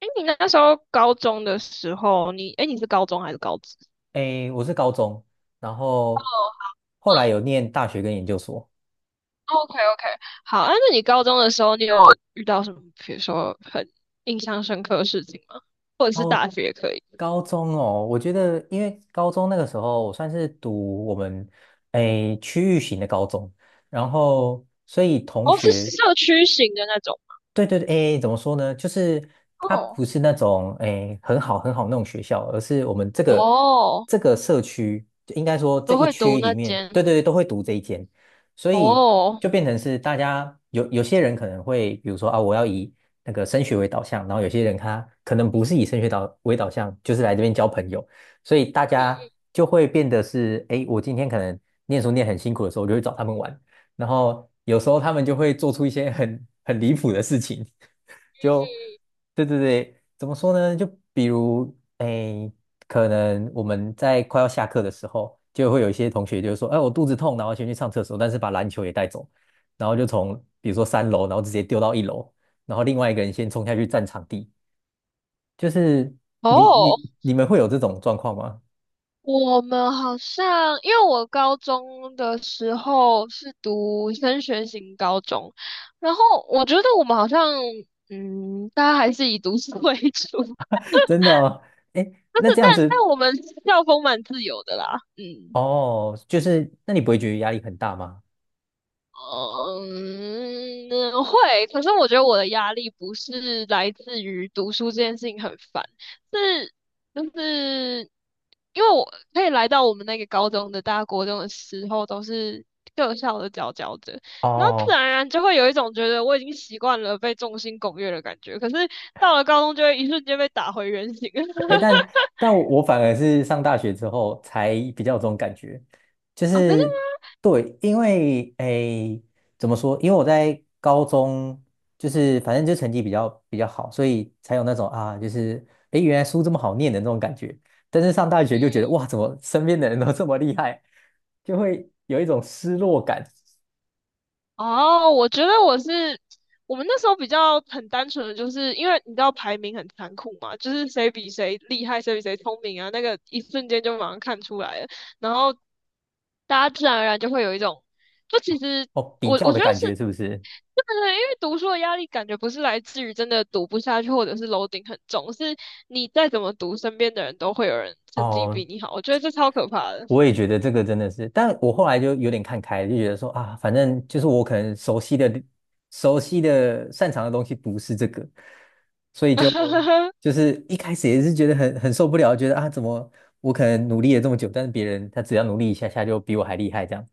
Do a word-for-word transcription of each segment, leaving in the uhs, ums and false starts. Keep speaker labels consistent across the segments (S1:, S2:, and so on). S1: 哎，你那时候高中的时候，你哎你是高中还是高职
S2: 诶，我是高中，然后后来有念大学跟研究所。
S1: ？OK OK，好，啊，那你高中的时候，你有遇到什么，比如说很印象深刻的事情吗？或者是
S2: 高
S1: 大学也可以？
S2: 高中哦，我觉得因为高中那个时候我算是读我们诶区域型的高中，然后所以同
S1: 哦，是
S2: 学
S1: 社区型的那种。
S2: 对对对，诶，怎么说呢？就是它
S1: 哦
S2: 不是那种诶很好很好那种学校，而是我们这个
S1: 哦，
S2: 这个社区，就应该说这
S1: 都
S2: 一
S1: 会读
S2: 区里
S1: 那
S2: 面，
S1: 间。
S2: 对对对，都会读这一间，所以
S1: 哦，
S2: 就变成是大家有有些人可能会，比如说啊，我要以那个升学为导向，然后有些人他可能不是以升学导为导向，就是来这边交朋友，所以大
S1: 嗯
S2: 家
S1: 嗯
S2: 就会变得是，诶，我今天可能念书念很辛苦的时候，我就会找他们玩。然后有时候他们就会做出一些很很离谱的事情，就
S1: 嗯
S2: 对对对，怎么说呢？就比如诶，可能我们在快要下课的时候，就会有一些同学就说："哎，我肚子痛，然后先去上厕所，但是把篮球也带走，然后就从比如说三楼，然后直接丢到一楼，然后另外一个人先冲下去占场地。"就是
S1: 嗯，
S2: 你
S1: 哦，
S2: 你你们会有这种状况吗？
S1: 我们好像，因为我高中的时候是读升学型高中，然后我觉得我们好像，嗯，大家还是以读书 为主，
S2: 真的哦，哎，
S1: 但
S2: 那
S1: 是
S2: 这样
S1: 但
S2: 子
S1: 但我们校风蛮自由的啦，嗯。
S2: 哦，就是那你不会觉得压力很大吗？
S1: 嗯，会。可是我觉得我的压力不是来自于读书这件事情很烦，是就是因为我可以来到我们那个高中的大国中的时候，都是各校的佼佼者，然后自然
S2: 哦，
S1: 而然就会有一种觉得我已经习惯了被众星拱月的感觉。可是到了高中，就会一瞬间被打回原形。
S2: 哎，但 但我反而是上大学之后才比较有这种感觉，就
S1: 啊！真的
S2: 是对，因为哎，怎么说？因为我在高中就是反正就成绩比较比较好，所以才有那种啊，就是哎，原来书这么好念的那种感觉。但是上大学就觉得哇，怎么身边的人都这么厉害，就会有一种失落感
S1: 哦，我觉得我是我们那时候比较很单纯的，就是因为你知道排名很残酷嘛，就是谁比谁厉害，谁比谁聪明啊，那个一瞬间就马上看出来了，然后大家自然而然就会有一种，就其实
S2: 哦，比
S1: 我
S2: 较
S1: 我
S2: 的
S1: 觉得
S2: 感
S1: 是。
S2: 觉是不是？
S1: 对对对，因为读书的压力感觉不是来自于真的读不下去，或者是楼顶很重，是你再怎么读，身边的人都会有人成绩
S2: 哦，
S1: 比你好，我觉得这超可怕的。
S2: 我也觉得这个真的是，但我后来就有点看开了，就觉得说啊，反正就是我可能熟悉的、熟悉的、擅长的东西不是这个，所以就 就是一开始也是觉得很很受不了，觉得啊，怎么我可能努力了这么久，但是别人他只要努力一下下就比我还厉害这样，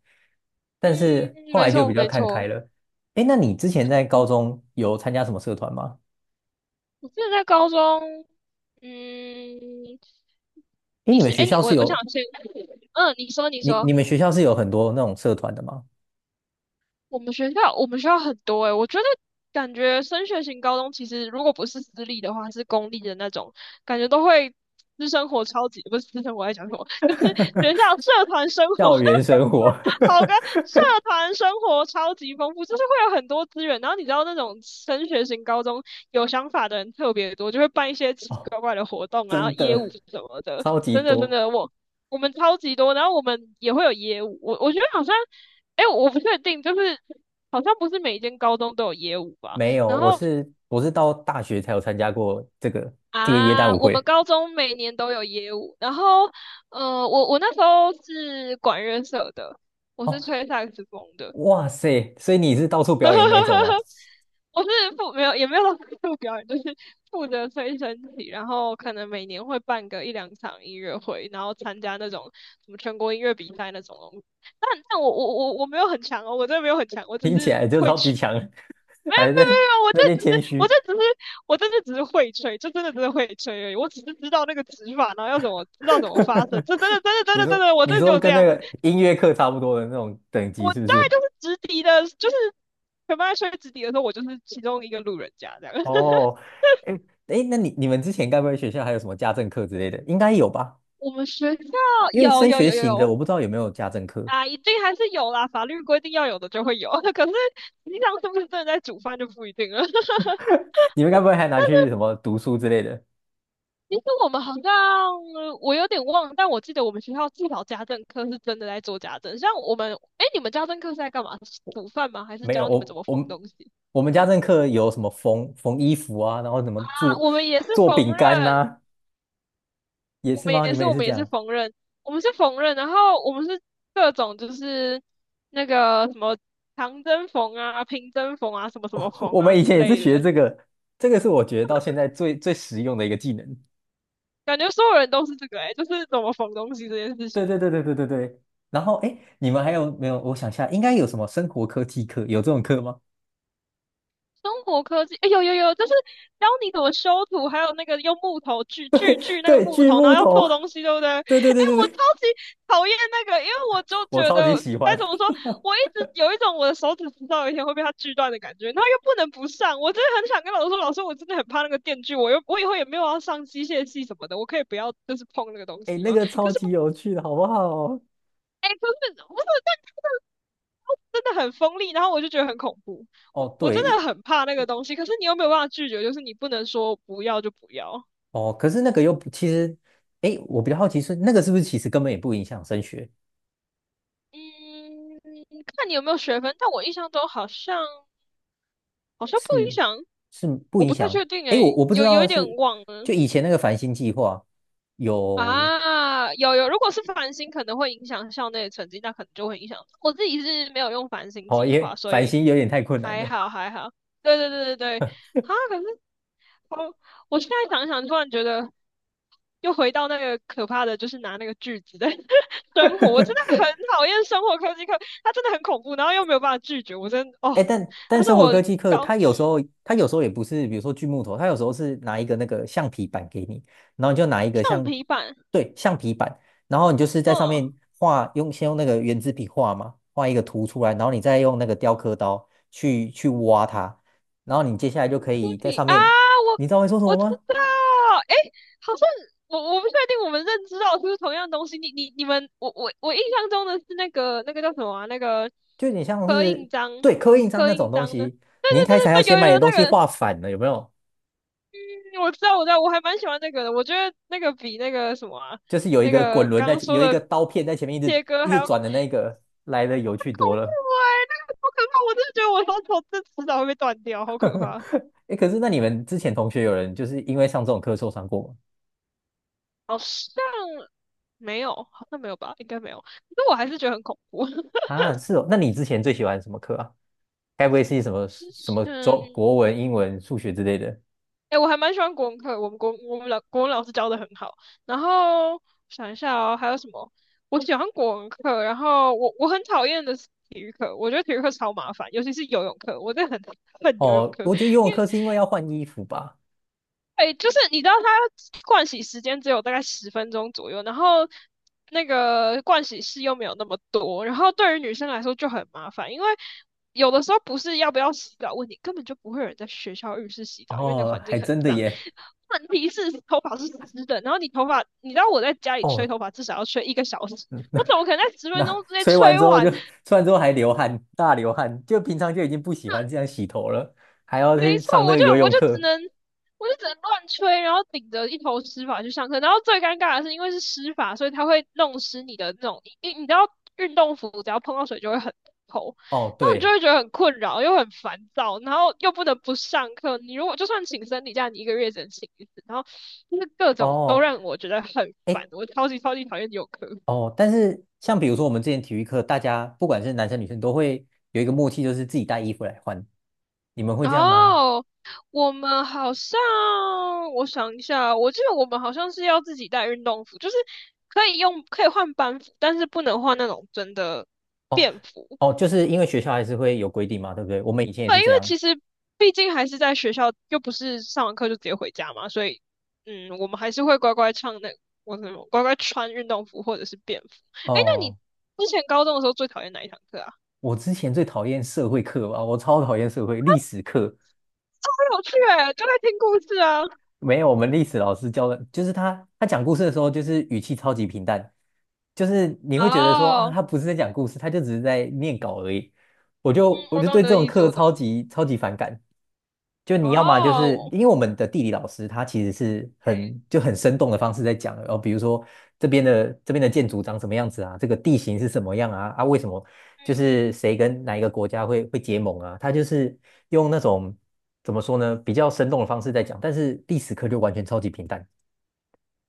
S1: 嗯，
S2: 但是后
S1: 没
S2: 来就
S1: 错
S2: 比较
S1: 没
S2: 看
S1: 错，
S2: 开了。哎，那你之前在高中有参加什么社团吗？
S1: 我记得在高中。嗯，
S2: 哎，
S1: 你
S2: 你们
S1: 是
S2: 学
S1: 哎，你
S2: 校
S1: 我
S2: 是
S1: 我想
S2: 有
S1: 先，嗯，你说你
S2: 你
S1: 说，
S2: 你们学校是有很多那种社团的吗？
S1: 我们学校我们学校很多哎，我觉得感觉升学型高中其实如果不是私立的话，是公立的那种，感觉都会私生活超级不是私生活在讲什么，就是学校社团生活
S2: 校园生活。
S1: 好跟，社 团生活超级丰富，就是会有很多资源。然后你知道那种升学型高中有想法的人特别多，就会办一些奇奇
S2: 哦
S1: 怪怪的活动啊，
S2: 真
S1: 业务
S2: 的，
S1: 什么的。
S2: 超级
S1: 真的真
S2: 多。
S1: 的，我我们超级多，然后我们也会有业务。我我觉得好像，哎，我不确定，就是好像不是每一间高中都有业务吧。
S2: 没有，
S1: 然
S2: 我
S1: 后
S2: 是我是到大学才有参加过这个这个耶诞
S1: 啊，
S2: 舞
S1: 我们
S2: 会。
S1: 高中每年都有业务。然后呃，我我那时候是管乐社的，我
S2: 哦，
S1: 是吹萨克斯风的。
S2: 哇塞！所以你是到处表演那一种吗？
S1: 我是负没有也没有到负责表演，就是负责吹身体，然后可能每年会办个一两场音乐会，然后参加那种什么全国音乐比赛那种东西。但但我我我我没有很强哦，我真的没有很强，我只
S2: 听起
S1: 是
S2: 来就
S1: 会
S2: 超级
S1: 吹。
S2: 强，
S1: 没有
S2: 还
S1: 没有
S2: 在
S1: 没有，我这
S2: 那边
S1: 只是
S2: 谦
S1: 我
S2: 虚。
S1: 这只是我真的只是会吹，就真的真的会吹而已。我只是知道那个指法，然后要怎么知道怎么发声，这真的真的真
S2: 你
S1: 的真
S2: 说
S1: 的，我
S2: 你
S1: 真的
S2: 说
S1: 就这
S2: 跟那
S1: 样。
S2: 个音乐课差不多的那种等级
S1: 我
S2: 是
S1: 大
S2: 不
S1: 概
S2: 是？
S1: 就是直笛的，就是全班在吹直笛的时候，我就是其中一个路人甲这样。
S2: 哦，哎哎，那你你们之前该不会学校还有什么家政课之类的？应该有吧？
S1: 我们学校
S2: 因为
S1: 有
S2: 升
S1: 有
S2: 学
S1: 有有
S2: 型的，
S1: 有
S2: 我不知道有没有家政课。
S1: 啊，一定还是有啦，法律规定要有的就会有，可是平常是不是真的在煮饭就不一定了。
S2: 你们该不会还拿去 什么读书之类的？
S1: 其实我们好像我有点忘了但我记得我们学校至少家政课是真的在做家政。像我们，哎，你们家政课是在干嘛？煮饭吗？还是
S2: 没有，
S1: 教你们怎
S2: 我
S1: 么
S2: 我
S1: 缝
S2: 们
S1: 东西
S2: 我们家政课有什么缝缝衣服啊，然后怎么
S1: 啊？
S2: 做
S1: 我们也是
S2: 做
S1: 缝
S2: 饼干
S1: 纫，
S2: 呐、也
S1: 我
S2: 是
S1: 们
S2: 吗？
S1: 也
S2: 你们
S1: 是，
S2: 也
S1: 我
S2: 是
S1: 们
S2: 这
S1: 也是
S2: 样？
S1: 缝纫，我们是缝纫，然后我们是各种就是那个什么长针缝啊、平针缝啊、什么什么缝
S2: 我
S1: 啊
S2: 们以
S1: 之
S2: 前也是
S1: 类
S2: 学
S1: 的，
S2: 这个，这个是我觉得到现在最最实用的一个技能。
S1: 感觉所有人都是这个哎、欸就是怎么缝东西这件事情。
S2: 对对对对对对对。然后哎，诶你们还有没有？我想一下，应该有什么生活科技课？有这种课吗？
S1: 中国科技，哎、有有有，就是教你怎么修图，还有那个用木头锯锯锯那个
S2: 对，
S1: 木
S2: 锯
S1: 头，然
S2: 木
S1: 后要
S2: 头。
S1: 做东西，对不对？哎、
S2: 对对对对
S1: 我超
S2: 对，
S1: 级讨厌那个，因为我就
S2: 我
S1: 觉
S2: 超级
S1: 得
S2: 喜欢。
S1: 该怎么说，我一直有一种我的手指迟早有一天会被它锯断的感觉，然后又不能不上，我真的很想跟老师说，老师，我真的很怕那个电锯，我又我以后也没有要上机械系什么的，我可以不要就是碰那个东
S2: 哎，
S1: 西
S2: 那
S1: 吗？
S2: 个
S1: 可
S2: 超
S1: 是
S2: 级
S1: 不，
S2: 有趣的，好不好？
S1: 哎、可是不是，但真的很锋利，然后我就觉得很恐怖，我
S2: 哦，
S1: 我真
S2: 对，
S1: 的很怕那个东西，可是你又没有办法拒绝，就是你不能说不要就不要。
S2: 哦，可是那个又不，其实，哎，我比较好奇是那个是不是其实根本也不影响升学，
S1: 嗯，看你有没有学分，但我印象中好像好像不影
S2: 是
S1: 响，
S2: 是不
S1: 我
S2: 影
S1: 不太确
S2: 响？
S1: 定
S2: 哎，我
S1: 诶，
S2: 我不知
S1: 有有一
S2: 道
S1: 点
S2: 是
S1: 忘了。
S2: 就以前那个繁星计划有，
S1: 啊，有有，如果是繁星可能会影响校内的成绩，那可能就会影响。我自己是没有用繁星
S2: 哦，
S1: 计划，
S2: 也
S1: 所
S2: 繁
S1: 以
S2: 星有点太困难
S1: 还
S2: 了，
S1: 好还好。对对对对对，啊，可是 哦，我现在想想，突然觉得又回到那个可怕的，就是拿那个锯子的 生活。我真的 很讨厌生活科技课，它真的很恐怖，然后又没有办法拒绝。我真
S2: 哎，
S1: 哦，
S2: 但
S1: 他
S2: 但
S1: 说
S2: 生活
S1: 我
S2: 科技课，
S1: 搞
S2: 它有时
S1: 嗯
S2: 候它有时候也不是，比如说锯木头，它有时候是拿一个那个橡皮板给你，然后你就拿一个
S1: 橡
S2: 像，
S1: 皮板，
S2: 对，橡皮板，然后你就是在上
S1: 嗯，
S2: 面画，用先用那个圆珠笔画嘛，画一个图出来，然后你再用那个雕刻刀去去挖它，然后你接下来就可
S1: 铅
S2: 以在
S1: 笔
S2: 上
S1: 啊，
S2: 面，
S1: 我
S2: 你知道会说什
S1: 我
S2: 么
S1: 知
S2: 吗？
S1: 道，诶，好像我我不确定我们认知到是不是同样东西。你你你们，我我我印象中的是那个那个叫什么啊？那个
S2: 就有点像
S1: 刻印
S2: 是
S1: 章，
S2: 对刻印章
S1: 刻
S2: 那种
S1: 印
S2: 东
S1: 章的。
S2: 西，
S1: 对
S2: 你一
S1: 对
S2: 开始还要
S1: 对对对，
S2: 先
S1: 有
S2: 把你
S1: 有
S2: 的
S1: 有
S2: 东西
S1: 那个。
S2: 画反了，有没有？
S1: 嗯，我知道，我知道，我还蛮喜欢那个的。我觉得那个比那个什么啊
S2: 就是有一
S1: 那
S2: 个滚
S1: 个
S2: 轮
S1: 刚
S2: 在，
S1: 刚说
S2: 有一个
S1: 的
S2: 刀片在前面一直
S1: 切割
S2: 一
S1: 还
S2: 直
S1: 要更恐
S2: 转的那个，来的有
S1: 怖
S2: 趣多了。
S1: 哎、那个好可怕！我真的觉得我双手这迟早会被断掉，好可怕。
S2: 哎，可是那你们之前同学有人就是因为上这种课受伤过吗？
S1: 好像没有，好像没有吧，应该没有。可是我还是觉得很恐怖。
S2: 啊，是哦。那你之前最喜欢什么课啊？该不会是什么
S1: 之
S2: 什么中
S1: 前
S2: 国文、英文、数学之类的？
S1: 哎、我还蛮喜欢国文课，我们国我们老国文老师教的很好。然后想一下哦，还有什么？我喜欢国文课，然后我我很讨厌的是体育课，我觉得体育课超麻烦，尤其是游泳课，我真的很 恨游泳
S2: 哦，
S1: 课，
S2: 我觉得游泳
S1: 因为
S2: 课是因为要换衣服吧。
S1: 哎，就是你知道它盥洗时间只有大概十分钟左右，然后那个盥洗室又没有那么多，然后对于女生来说就很麻烦，因为有的时候不是要不要洗澡问题，根本就不会有人在学校浴室洗澡，因为那个
S2: 哦，
S1: 环境
S2: 还
S1: 很
S2: 真的
S1: 脏。
S2: 耶。
S1: 问题是头发是湿的，然后你头发，你知道我在家里吹
S2: 哦，
S1: 头发至少要吹一个小时，
S2: 嗯
S1: 我怎么可能在十分
S2: 那
S1: 钟之 内
S2: 吹完
S1: 吹
S2: 之后就
S1: 完。
S2: 吹完之后还流汗，大流汗，就平常就已经不喜欢这样洗头了，还要
S1: 没
S2: 去上
S1: 错，
S2: 那
S1: 我
S2: 个
S1: 就
S2: 游
S1: 我
S2: 泳
S1: 就只
S2: 课。
S1: 能我就只能乱吹，然后顶着一头湿发去上课。然后最尴尬的是，因为是湿发，所以它会弄湿你的那种，你你知道运动服只要碰到水就会很透，
S2: 哦，
S1: 然后你就
S2: 对，
S1: 会觉得很困扰，又很烦躁，然后又不能不上课。你如果就算请生理假，你一个月只能请一次，然后就是各种都
S2: 哦。
S1: 让我觉得很烦，
S2: 哎。
S1: 我超级超级讨厌有课。
S2: 哦，但是像比如说我们之前体育课，大家不管是男生女生都会有一个默契，就是自己带衣服来换。你们会这样吗？
S1: 哦，我们好像，我想一下，我记得我们好像是要自己带运动服，就是可以用，可以换班服，但是不能换那种真的
S2: 哦
S1: 便服。
S2: 哦，就是因为学校还是会有规定嘛，对不对？我们以前也是这
S1: 那
S2: 样。
S1: 其实毕竟还是在学校，又不是上完课就直接回家嘛，所以，嗯，我们还是会乖乖唱那，我什么乖乖穿运动服或者是便服。哎，那你
S2: 哦，
S1: 之前高中的时候最讨厌哪一堂课啊？
S2: 我之前最讨厌社会课吧，我超讨厌社会历史课。
S1: 很有趣诶，就在听故事啊。
S2: 没有，我们历史老师教的，就是他他讲故事的时候，就是语气超级平淡，就是你会觉得说啊，
S1: 哦，
S2: 他不是在讲故事，他就只是在念稿而已。我就我
S1: 我
S2: 就
S1: 懂
S2: 对
S1: 你
S2: 这
S1: 的
S2: 种
S1: 意思，
S2: 课
S1: 我懂。
S2: 超级超级反感。就你要么就是
S1: 哦。
S2: 因为我们的地理老师他其实是很就很生动的方式在讲，哦，比如说这边的这边的建筑长什么样子啊，这个地形是什么样啊，啊，为什么就是谁跟哪一个国家会会结盟啊，他就是用那种怎么说呢，比较生动的方式在讲，但是历史课就完全超级平淡。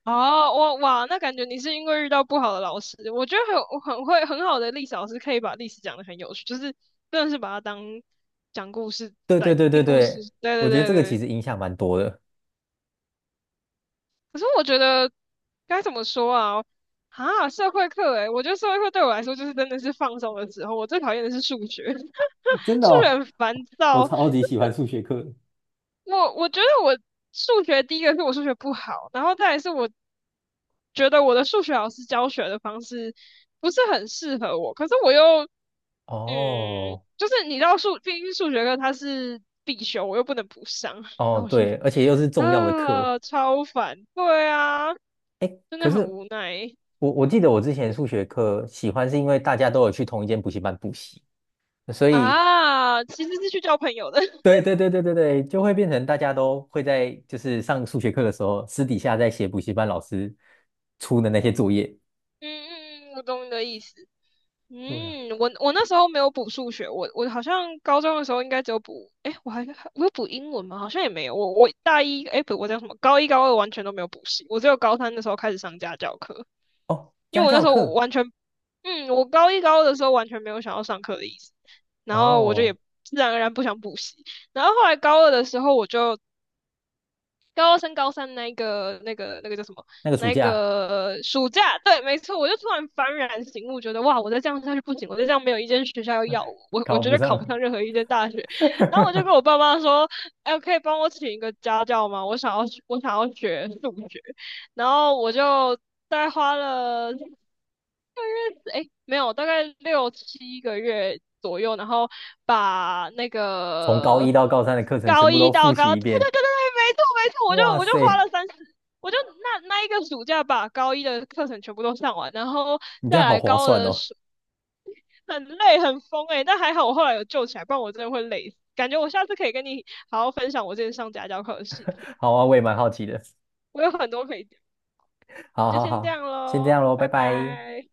S1: 哦，哇哇，那感觉你是因为遇到不好的老师，我觉得很我很会很好的历史老师可以把历史讲的很有趣，就是真的是把它当讲故事
S2: 对对
S1: 来
S2: 对对
S1: 听故事。
S2: 对，
S1: 对
S2: 我
S1: 对
S2: 觉得
S1: 对
S2: 这个其
S1: 对。
S2: 实影响蛮多的。
S1: 可是我觉得该怎么说啊？啊，社会课诶，我觉得社会课对我来说就是真的是放松的时候，我最讨厌的是数学，
S2: 真 的
S1: 数学
S2: 哦，
S1: 很烦
S2: 我
S1: 躁。
S2: 超级喜欢数学课的
S1: 我我觉得我数学第一个是我数学不好，然后再来是我觉得我的数学老师教学的方式不是很适合我，可是我又嗯，
S2: 哦
S1: 就是你知道数，毕竟数学课它是必修，我又不能不上，然后
S2: 哦，
S1: 我就
S2: 对，而且又是重要的课。
S1: 啊超烦，对啊，
S2: 哎，
S1: 真
S2: 可
S1: 的很
S2: 是
S1: 无奈
S2: 我我记得我之前数学课喜欢是因为大家都有去同一间补习班补习，所以
S1: 啊，其实是去交朋友的，
S2: 对对对对对对，就会变成大家都会在就是上数学课的时候，私底下在写补习班老师出的那些作业。
S1: 嗯嗯嗯，我懂你的意思。
S2: 对啊，
S1: 嗯，我我那时候没有补数学，我我好像高中的时候应该只有补，哎，我还我有补英文吗？好像也没有，我我大一，哎，不，我叫什么？高一高二完全都没有补习，我只有高三的时候开始上家教课，
S2: 哦，
S1: 因
S2: 家
S1: 为我那
S2: 教
S1: 时候我
S2: 课
S1: 完全，嗯，我高一高二的时候完全没有想要上课的意思，然后我就也
S2: 哦，
S1: 自然而然不想补习，然后后来高二的时候我就高二升高三那个那个那个叫什么？
S2: 那个暑
S1: 那
S2: 假
S1: 个暑假，对，没错，我就突然幡然醒悟，觉得哇，我再这样下去不行，我再这样没有一间学校要要我，我我
S2: 考
S1: 绝
S2: 不
S1: 对
S2: 上
S1: 考不
S2: 了，
S1: 上任何一间大学。然后我就跟我爸妈说，哎，可以帮我请一个家教吗？我想要我想要学数学。然后我就大概花了。哎，没有，大概六七个月左右，然后把那
S2: 从高
S1: 个
S2: 一到高三的课程全
S1: 高
S2: 部
S1: 一
S2: 都
S1: 到
S2: 复习
S1: 高，
S2: 一
S1: 对对
S2: 遍。
S1: 对对对，没错没错，我就
S2: 哇
S1: 我就花
S2: 塞，
S1: 了三十，我就那那一个暑假把高一的课程全部都上完，然后
S2: 你这
S1: 再
S2: 样好
S1: 来
S2: 划
S1: 高二
S2: 算
S1: 的
S2: 哦！
S1: 暑，很累很疯哎、但还好我后来有救起来，不然我真的会累死。感觉我下次可以跟你好好分享我之前上家教课的事情，
S2: 好啊，我也蛮好奇的。
S1: 我有很多可以讲，你
S2: 好
S1: 就
S2: 好
S1: 先这
S2: 好，
S1: 样
S2: 先这
S1: 喽，
S2: 样喽，拜
S1: 拜
S2: 拜。
S1: 拜。